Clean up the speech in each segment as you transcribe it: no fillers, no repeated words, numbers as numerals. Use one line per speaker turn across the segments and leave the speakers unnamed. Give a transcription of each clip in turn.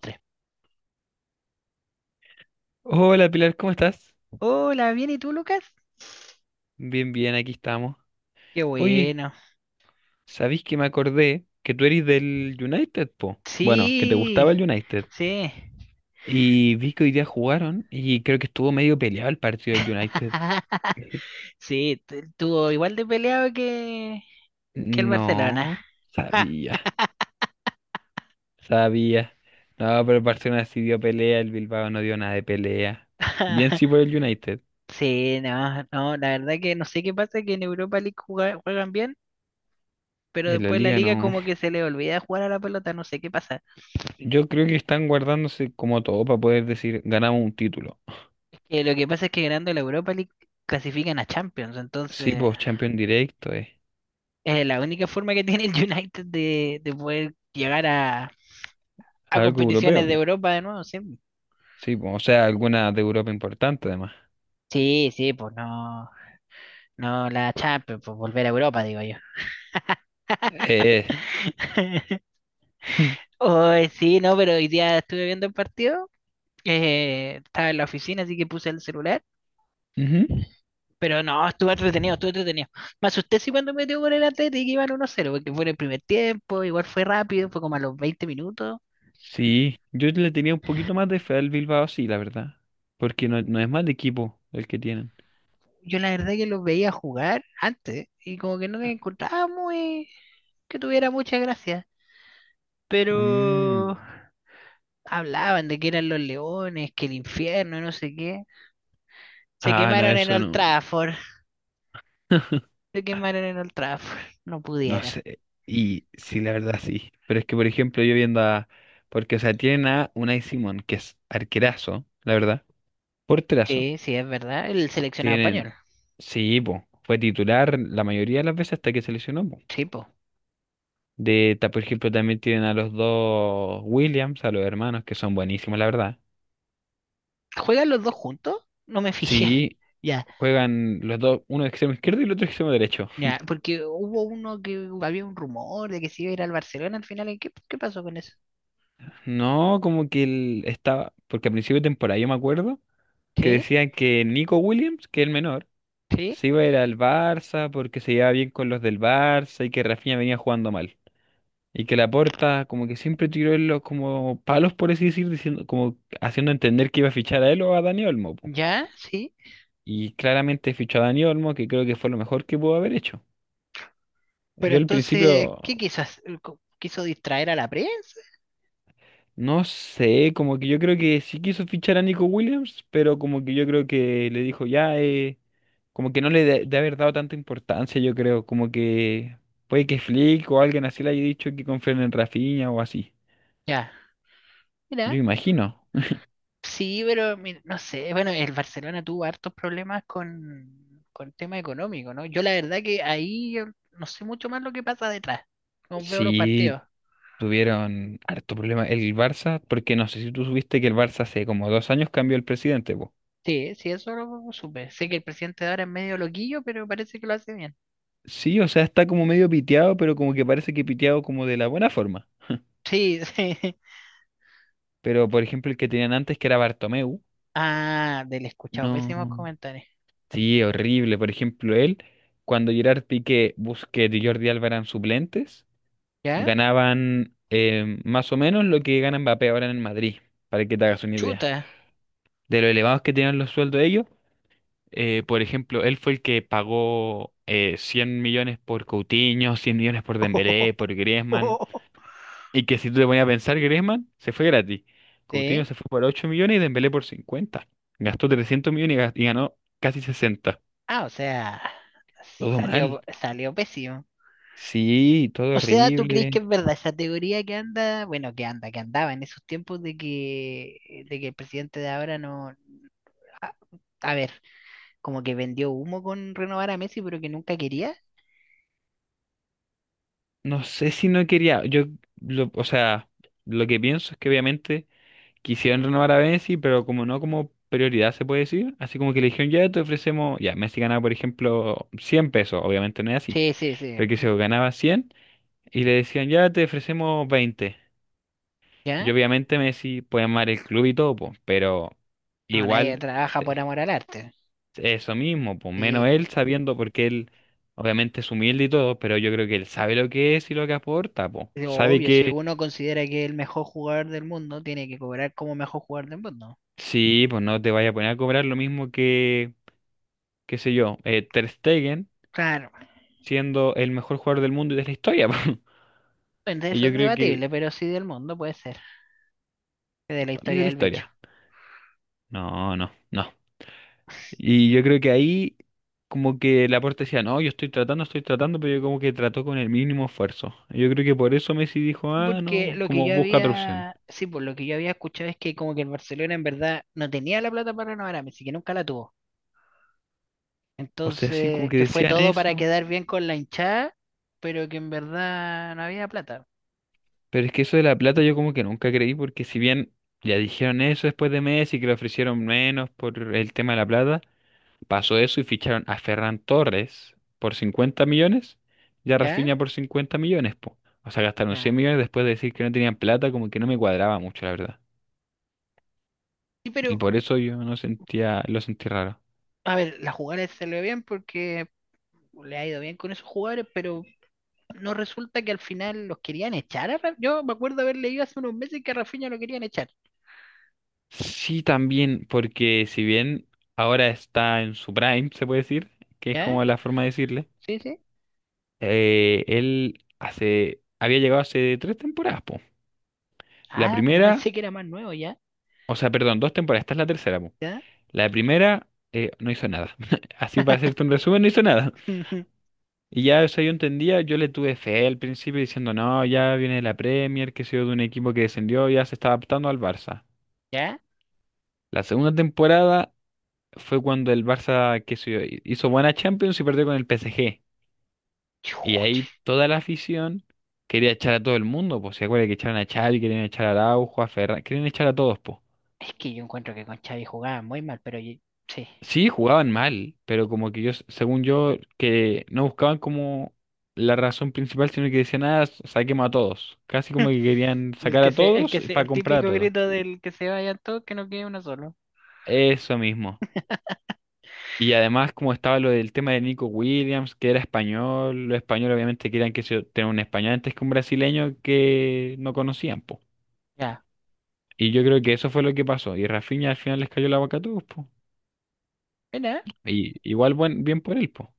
Tres.
Hola Pilar, ¿cómo estás?
Hola, ¿bien y tú, Lucas?
Bien, bien, aquí estamos.
Qué
Oye,
bueno.
¿sabéis que me acordé que tú eres del United, po? Bueno, que te
Sí,
gustaba el United.
sí.
Y vi que hoy día jugaron y creo que estuvo medio peleado el partido del United.
Sí, tuvo igual de peleado que el Barcelona.
No, sabía, sabía. No, pero el Barcelona sí dio pelea, el Bilbao no dio nada de pelea. Bien sí por el United.
Sí, no, no, la verdad que no sé qué pasa, que en Europa League juegan bien, pero
En la
después la
liga
liga
no.
como que se le olvida jugar a la pelota, no sé qué pasa.
Yo creo que están guardándose como todo para poder decir ganamos un título.
Lo que pasa es que ganando la Europa League clasifican a Champions,
Sí,
entonces
pues Champions directo.
es la única forma que tiene el United de poder llegar a
Algo europeo,
competiciones de
po.
Europa de nuevo, sí.
Sí, po, o sea, alguna de Europa importante además.
Sí, sí, pues no, no la Champions, pues volver a Europa, digo yo.
Eh,
Hoy sí, no, pero hoy día estuve viendo el partido, estaba en la oficina, así que puse el celular,
Ujú.
pero no, estuve entretenido, estuve entretenido. Me asusté sí cuando metió por el Atlético y que iban 1-0, porque fue en el primer tiempo, igual fue rápido, fue como a los 20 minutos.
Sí, yo le tenía un poquito más de fe al Bilbao, sí, la verdad. Porque no, no es mal equipo el que tienen.
Yo la verdad que los veía jugar antes y como que no me encontraba muy que tuviera mucha gracia, pero
Mm.
hablaban de que eran los leones, que el infierno, no sé qué. Se
Ah, no,
quemaron en
eso
Old
no.
Trafford. Se quemaron en Old Trafford. No
No
pudieron.
sé. Y sí, la verdad sí. Pero es que, por ejemplo, yo viendo a. Porque, o sea, tienen a Unai Simón, que es arquerazo, la verdad. Porterazo.
Sí, sí, es verdad. El seleccionado español.
Tienen. Sí, po. Fue titular la mayoría de las veces hasta que se lesionó, po.
Sí, po.
Por ejemplo, también tienen a los dos Williams, a los hermanos, que son buenísimos, la verdad.
¿Juegan los dos juntos? No me fijé.
Sí,
Ya,
juegan los dos, uno de extremo izquierdo y el otro de extremo derecho.
ya, porque hubo uno que había un rumor de que se iba a ir al Barcelona al final. ¿Y qué, qué pasó con eso?
No, como que él estaba, porque a principio de temporada yo me acuerdo que
Sí,
decían que Nico Williams, que es el menor,
sí,
se iba a ir al Barça porque se llevaba bien con los del Barça y que Rafinha venía jugando mal. Y que Laporta como que siempre tiró en los como palos, por así decir, diciendo, como haciendo entender que iba a fichar a él o a Dani Olmo, po.
ya, sí.
Y claramente fichó a Dani Olmo, que creo que fue lo mejor que pudo haber hecho.
Pero
Yo al
entonces,
principio,
¿qué quiso hacer? ¿Quiso distraer a la prensa?
no sé, como que yo creo que sí quiso fichar a Nico Williams, pero como que yo creo que le dijo ya, como que no le de haber dado tanta importancia, yo creo, como que puede que Flick o alguien así le haya dicho que confíen en Rafinha o así.
Ya,
Yo
mira,
imagino.
sí, pero mira, no sé, bueno, el Barcelona tuvo hartos problemas con tema económico, ¿no? Yo la verdad que ahí yo no sé mucho más lo que pasa detrás, no veo los
Sí,
partidos.
tuvieron harto problema el Barça, porque no sé si tú supiste que el Barça hace como 2 años cambió el presidente.
Sí, sí, eso lo supe. Sé que el presidente de ahora es medio loquillo, pero parece que lo hace bien.
Sí, o sea, está como medio piteado, pero como que parece que piteado como de la buena forma.
Sí, sí.
Pero, por ejemplo, el que tenían antes, que era Bartomeu,
Ah, del escuchado, pésimos
no.
comentarios.
Sí, horrible. Por ejemplo, él, cuando Gerard Piqué, Busquets y Jordi Alba eran suplentes,
¿Ya?
ganaban más o menos lo que gana Mbappé ahora en el Madrid, para que te hagas una idea.
Chuta.
De lo elevados que tenían los sueldos ellos, por ejemplo, él fue el que pagó 100 millones por Coutinho, 100 millones por Dembélé, por Griezmann. Y que si tú te ponías a pensar, Griezmann se fue gratis. Coutinho
Sí.
se fue por 8 millones y Dembélé por 50. Gastó 300 millones y ganó casi 60.
Ah, o sea,
Todo mal.
salió, salió pésimo.
Sí, todo
O sea, ¿tú crees que
horrible.
es verdad esa teoría que anda, bueno, que anda, que andaba en esos tiempos de que el presidente de ahora no, a, a ver, como que vendió humo con renovar a Messi, pero que nunca quería?
No sé si no quería. Yo, o sea, lo que pienso es que obviamente quisieron renovar a Messi, pero como no como prioridad se puede decir. Así como que le dijeron, ya te ofrecemos. Ya, Messi ganaba, por ejemplo, 100 pesos. Obviamente no es así.
Sí, sí, sí.
Pero que
Pu.
se ganaba 100 y le decían, ya te ofrecemos 20.
¿Ya?
Yo obviamente Messi puede amar el club y todo, po, pero
No, nadie
igual
trabaja por
este,
amor al arte.
eso mismo, pues
Sí,
menos
pu.
él sabiendo porque él obviamente es humilde y todo, pero yo creo que él sabe lo que es y lo que aporta, pues.
Es
Sabe
obvio, si
que
uno considera que es el mejor jugador del mundo, tiene que cobrar como mejor jugador del mundo.
sí, pues no te vaya a poner a cobrar lo mismo que, qué sé yo, Ter Stegen
Claro,
siendo el mejor jugador del mundo y de la historia, po.
bueno,
Y
eso
yo
es
creo que
debatible, pero sí del mundo puede ser, de la
para mí de
historia
la
del bicho.
historia. No, no, no. Y yo creo que ahí como que Laporte decía, no, yo estoy tratando, pero yo como que trató con el mínimo esfuerzo. Y yo creo que por eso Messi dijo,
Sí,
ah,
porque
no,
lo que
como
yo
busca otra opción.
había, sí, por lo que yo había escuchado es que como que el Barcelona en verdad no tenía la plata para renovar a Messi, que nunca la tuvo.
O sea, sí, como
Entonces,
que
que fue
decían
todo para
eso,
quedar bien con la hinchada, pero que en verdad no había plata.
pero es que eso de la plata yo como que nunca creí, porque si bien ya dijeron eso después de Messi, que le ofrecieron menos por el tema de la plata, pasó eso y ficharon a Ferran Torres por 50 millones y a
¿Ya?
Rafinha por 50 millones, po. O sea, gastaron
Ya.
100 millones después de decir que no tenían plata, como que no me cuadraba mucho, la verdad.
Sí,
Y
pero,
por eso yo no sentía, lo sentí raro.
a ver, la jugada se le ve bien porque le ha ido bien con esos jugadores, pero no resulta que al final los querían echar. Yo me acuerdo haber leído hace unos meses que a Rafinha lo querían echar.
Sí, también, porque si bien ahora está en su prime, se puede decir, que es
¿Ya?
como la forma de decirle,
Sí, sí.
había llegado hace 3 temporadas, po. La
Ah, yo
primera,
pensé que era más nuevo, ¿ya?
o sea, perdón, 2 temporadas, esta es la tercera, po.
¿Ya?
La primera no hizo nada. Así para hacerte un resumen, no hizo nada. Y ya eso yo entendía, yo le tuve fe al principio diciendo, no, ya viene de la Premier, que ha sido de un equipo que descendió, ya se está adaptando al Barça.
¿Ya?
La segunda temporada fue cuando el Barça qué sé yo, hizo buena Champions y perdió con el PSG. Y
Chuch,
ahí toda la afición quería echar a todo el mundo, pues se acuerda que echaron a Xavi, querían echar a Araujo, a Ferran, querían echar a todos, pues.
es que yo encuentro que con Xavi jugaba muy mal, pero yo- sí.
Sí, jugaban mal, pero como que yo, según yo, que no buscaban como la razón principal, sino que decían, ah, saquemos a todos. Casi como que querían
El
sacar
que
a
se, el
todos
que se,
para
el
comprar a
típico
todos.
grito del que se vayan todos, que no quede uno solo.
Eso mismo. Y además, como estaba lo del tema de Nico Williams, que era español, los españoles obviamente querían que se tenga un español antes que un brasileño que no conocían, po.
Ya.
Y yo creo que eso fue lo que pasó. Y Rafinha al final les cayó la boca a todos, po.
¿Verdad?
Y igual bien por él, po.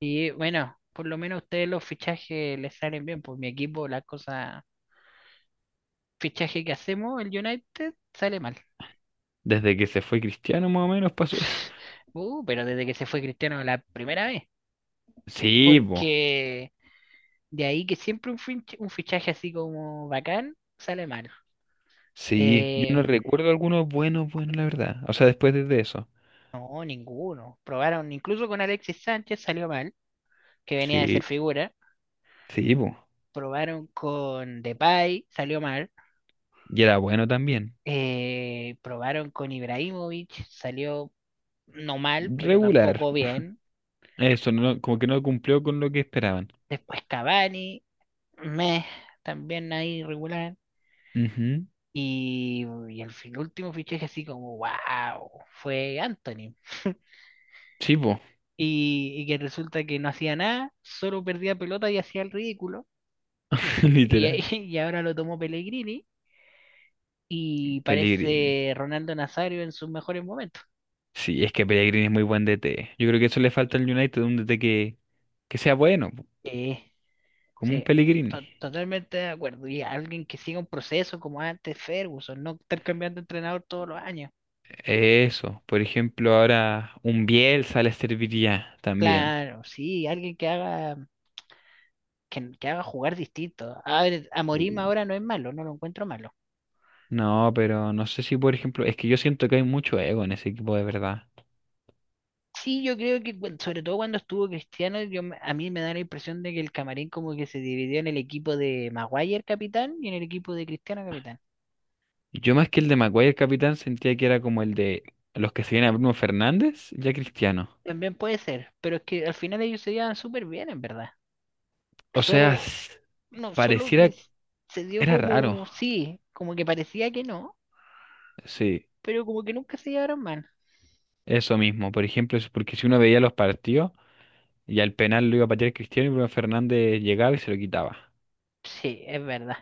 Y bueno, por lo menos a ustedes los fichajes les salen bien. Por mi equipo, la cosa, fichaje que hacemos, el United, sale mal.
Desde que se fue Cristiano, más o menos, pasó.
Pero desde que se fue Cristiano la primera vez.
Sí, po.
Porque de ahí que siempre un, un fichaje así como bacán, sale mal.
Sí, yo no
Em,
recuerdo algunos buenos, buenos, la verdad. O sea, después de eso.
No, ninguno. Probaron incluso con Alexis Sánchez, salió mal, que venía de ser
Sí,
figura.
sí, po.
Probaron con Depay, salió mal.
Y era bueno también.
Probaron con Ibrahimovic, salió no mal, pero
Regular.
tampoco bien.
Eso, no, como que no cumplió con lo que esperaban.
Después Cavani, meh, también ahí irregular.
Ujú.
Y el último fichaje así como, wow, fue Anthony.
Sí, po.
Y que resulta que no hacía nada, solo perdía pelota y hacía el ridículo. Y
Literal,
y ahora lo tomó Pellegrini y
Pellegrini.
parece Ronaldo Nazario en sus mejores momentos.
Sí, es que Pellegrini es muy buen DT. Yo creo que eso le falta al United, un DT que sea bueno, po,
Eh,
como un
sí,
Pellegrini.
totalmente de acuerdo. Y alguien que siga un proceso como antes Ferguson, no estar cambiando de entrenador todos los años.
Eso, por ejemplo, ahora un Bielsa le serviría también.
Claro, sí, alguien que haga jugar distinto. A ver, a
Sí.
ahora no es malo, no lo encuentro malo.
No, pero no sé si, por ejemplo, es que yo siento que hay mucho ego en ese equipo de verdad.
Sí, yo creo que sobre todo cuando estuvo Cristiano, yo, a mí me da la impresión de que el camarín como que se dividió en el equipo de Maguire capitán y en el equipo de Cristiano capitán.
Yo más que el de Maguire, el capitán, sentía que era como el de los que seguían a Bruno Fernández, ya Cristiano.
También puede ser, pero es que al final ellos se llevan súper bien, en verdad.
O sea,
Solo, no, solo que
pareciera,
s- se dio
era raro,
como, sí, como que parecía que no,
sí.
pero como que nunca se llevaron mal.
Eso mismo, por ejemplo, es porque si uno veía los partidos y al penal lo iba a patear Cristiano y Bruno Fernández llegaba y se lo quitaba.
Sí, es verdad.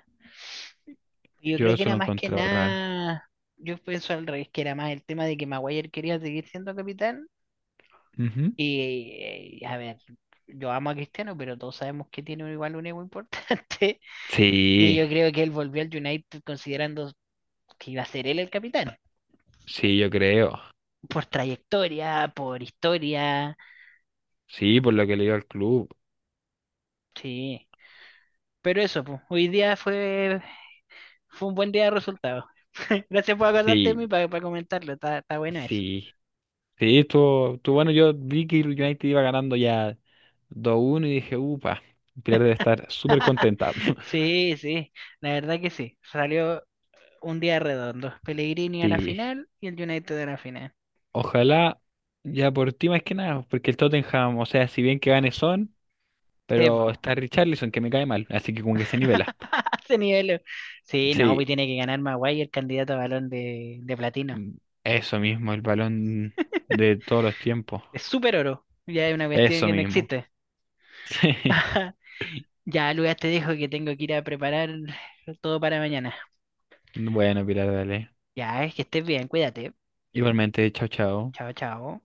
Yo
Yo
creo que
eso
era
lo
más que
encontraba raro.
nada, yo pienso al revés, que era más el tema de que Maguire quería seguir siendo capitán.
Ujú.
Y, a ver, yo amo a Cristiano, pero todos sabemos que tiene igual un ego importante. Y
Sí,
yo creo que él volvió al United considerando que iba a ser él el capitán.
sí, yo creo.
Por trayectoria, por historia.
Sí, por lo que le dio al club.
Sí. Pero eso, pues, hoy día fue, fue un buen día de resultados. Gracias por acordarte de mí
Sí,
para comentarlo. Está, está bueno eso.
sí. Sí, estuvo bueno. Yo vi que el United iba ganando ya 2-1 y dije, upa, Pilar debe estar súper contenta.
Sí, sí. La verdad que sí. Salió un día redondo. Pellegrini a la
Sí,
final y el United a la final.
ojalá ya por ti más que nada, porque el Tottenham, o sea, si bien que gane Son.
Sí,
Pero
po.
está Richarlison, que me cae mal, así que como que se nivela.
Ese nivel. Sí, no,
Sí,
pues tiene que ganar Maguire el candidato a balón de platino.
mm, eso mismo, el balón de todos los tiempos.
Es súper oro. Ya es una cuestión
Eso
que no
mismo.
existe. Ya, Lucas, te dejo que tengo que ir a preparar todo para mañana.
Bueno, Pilar, dale.
Ya, es que estés bien, cuídate.
Igualmente, chao, chao.
Chao, chao.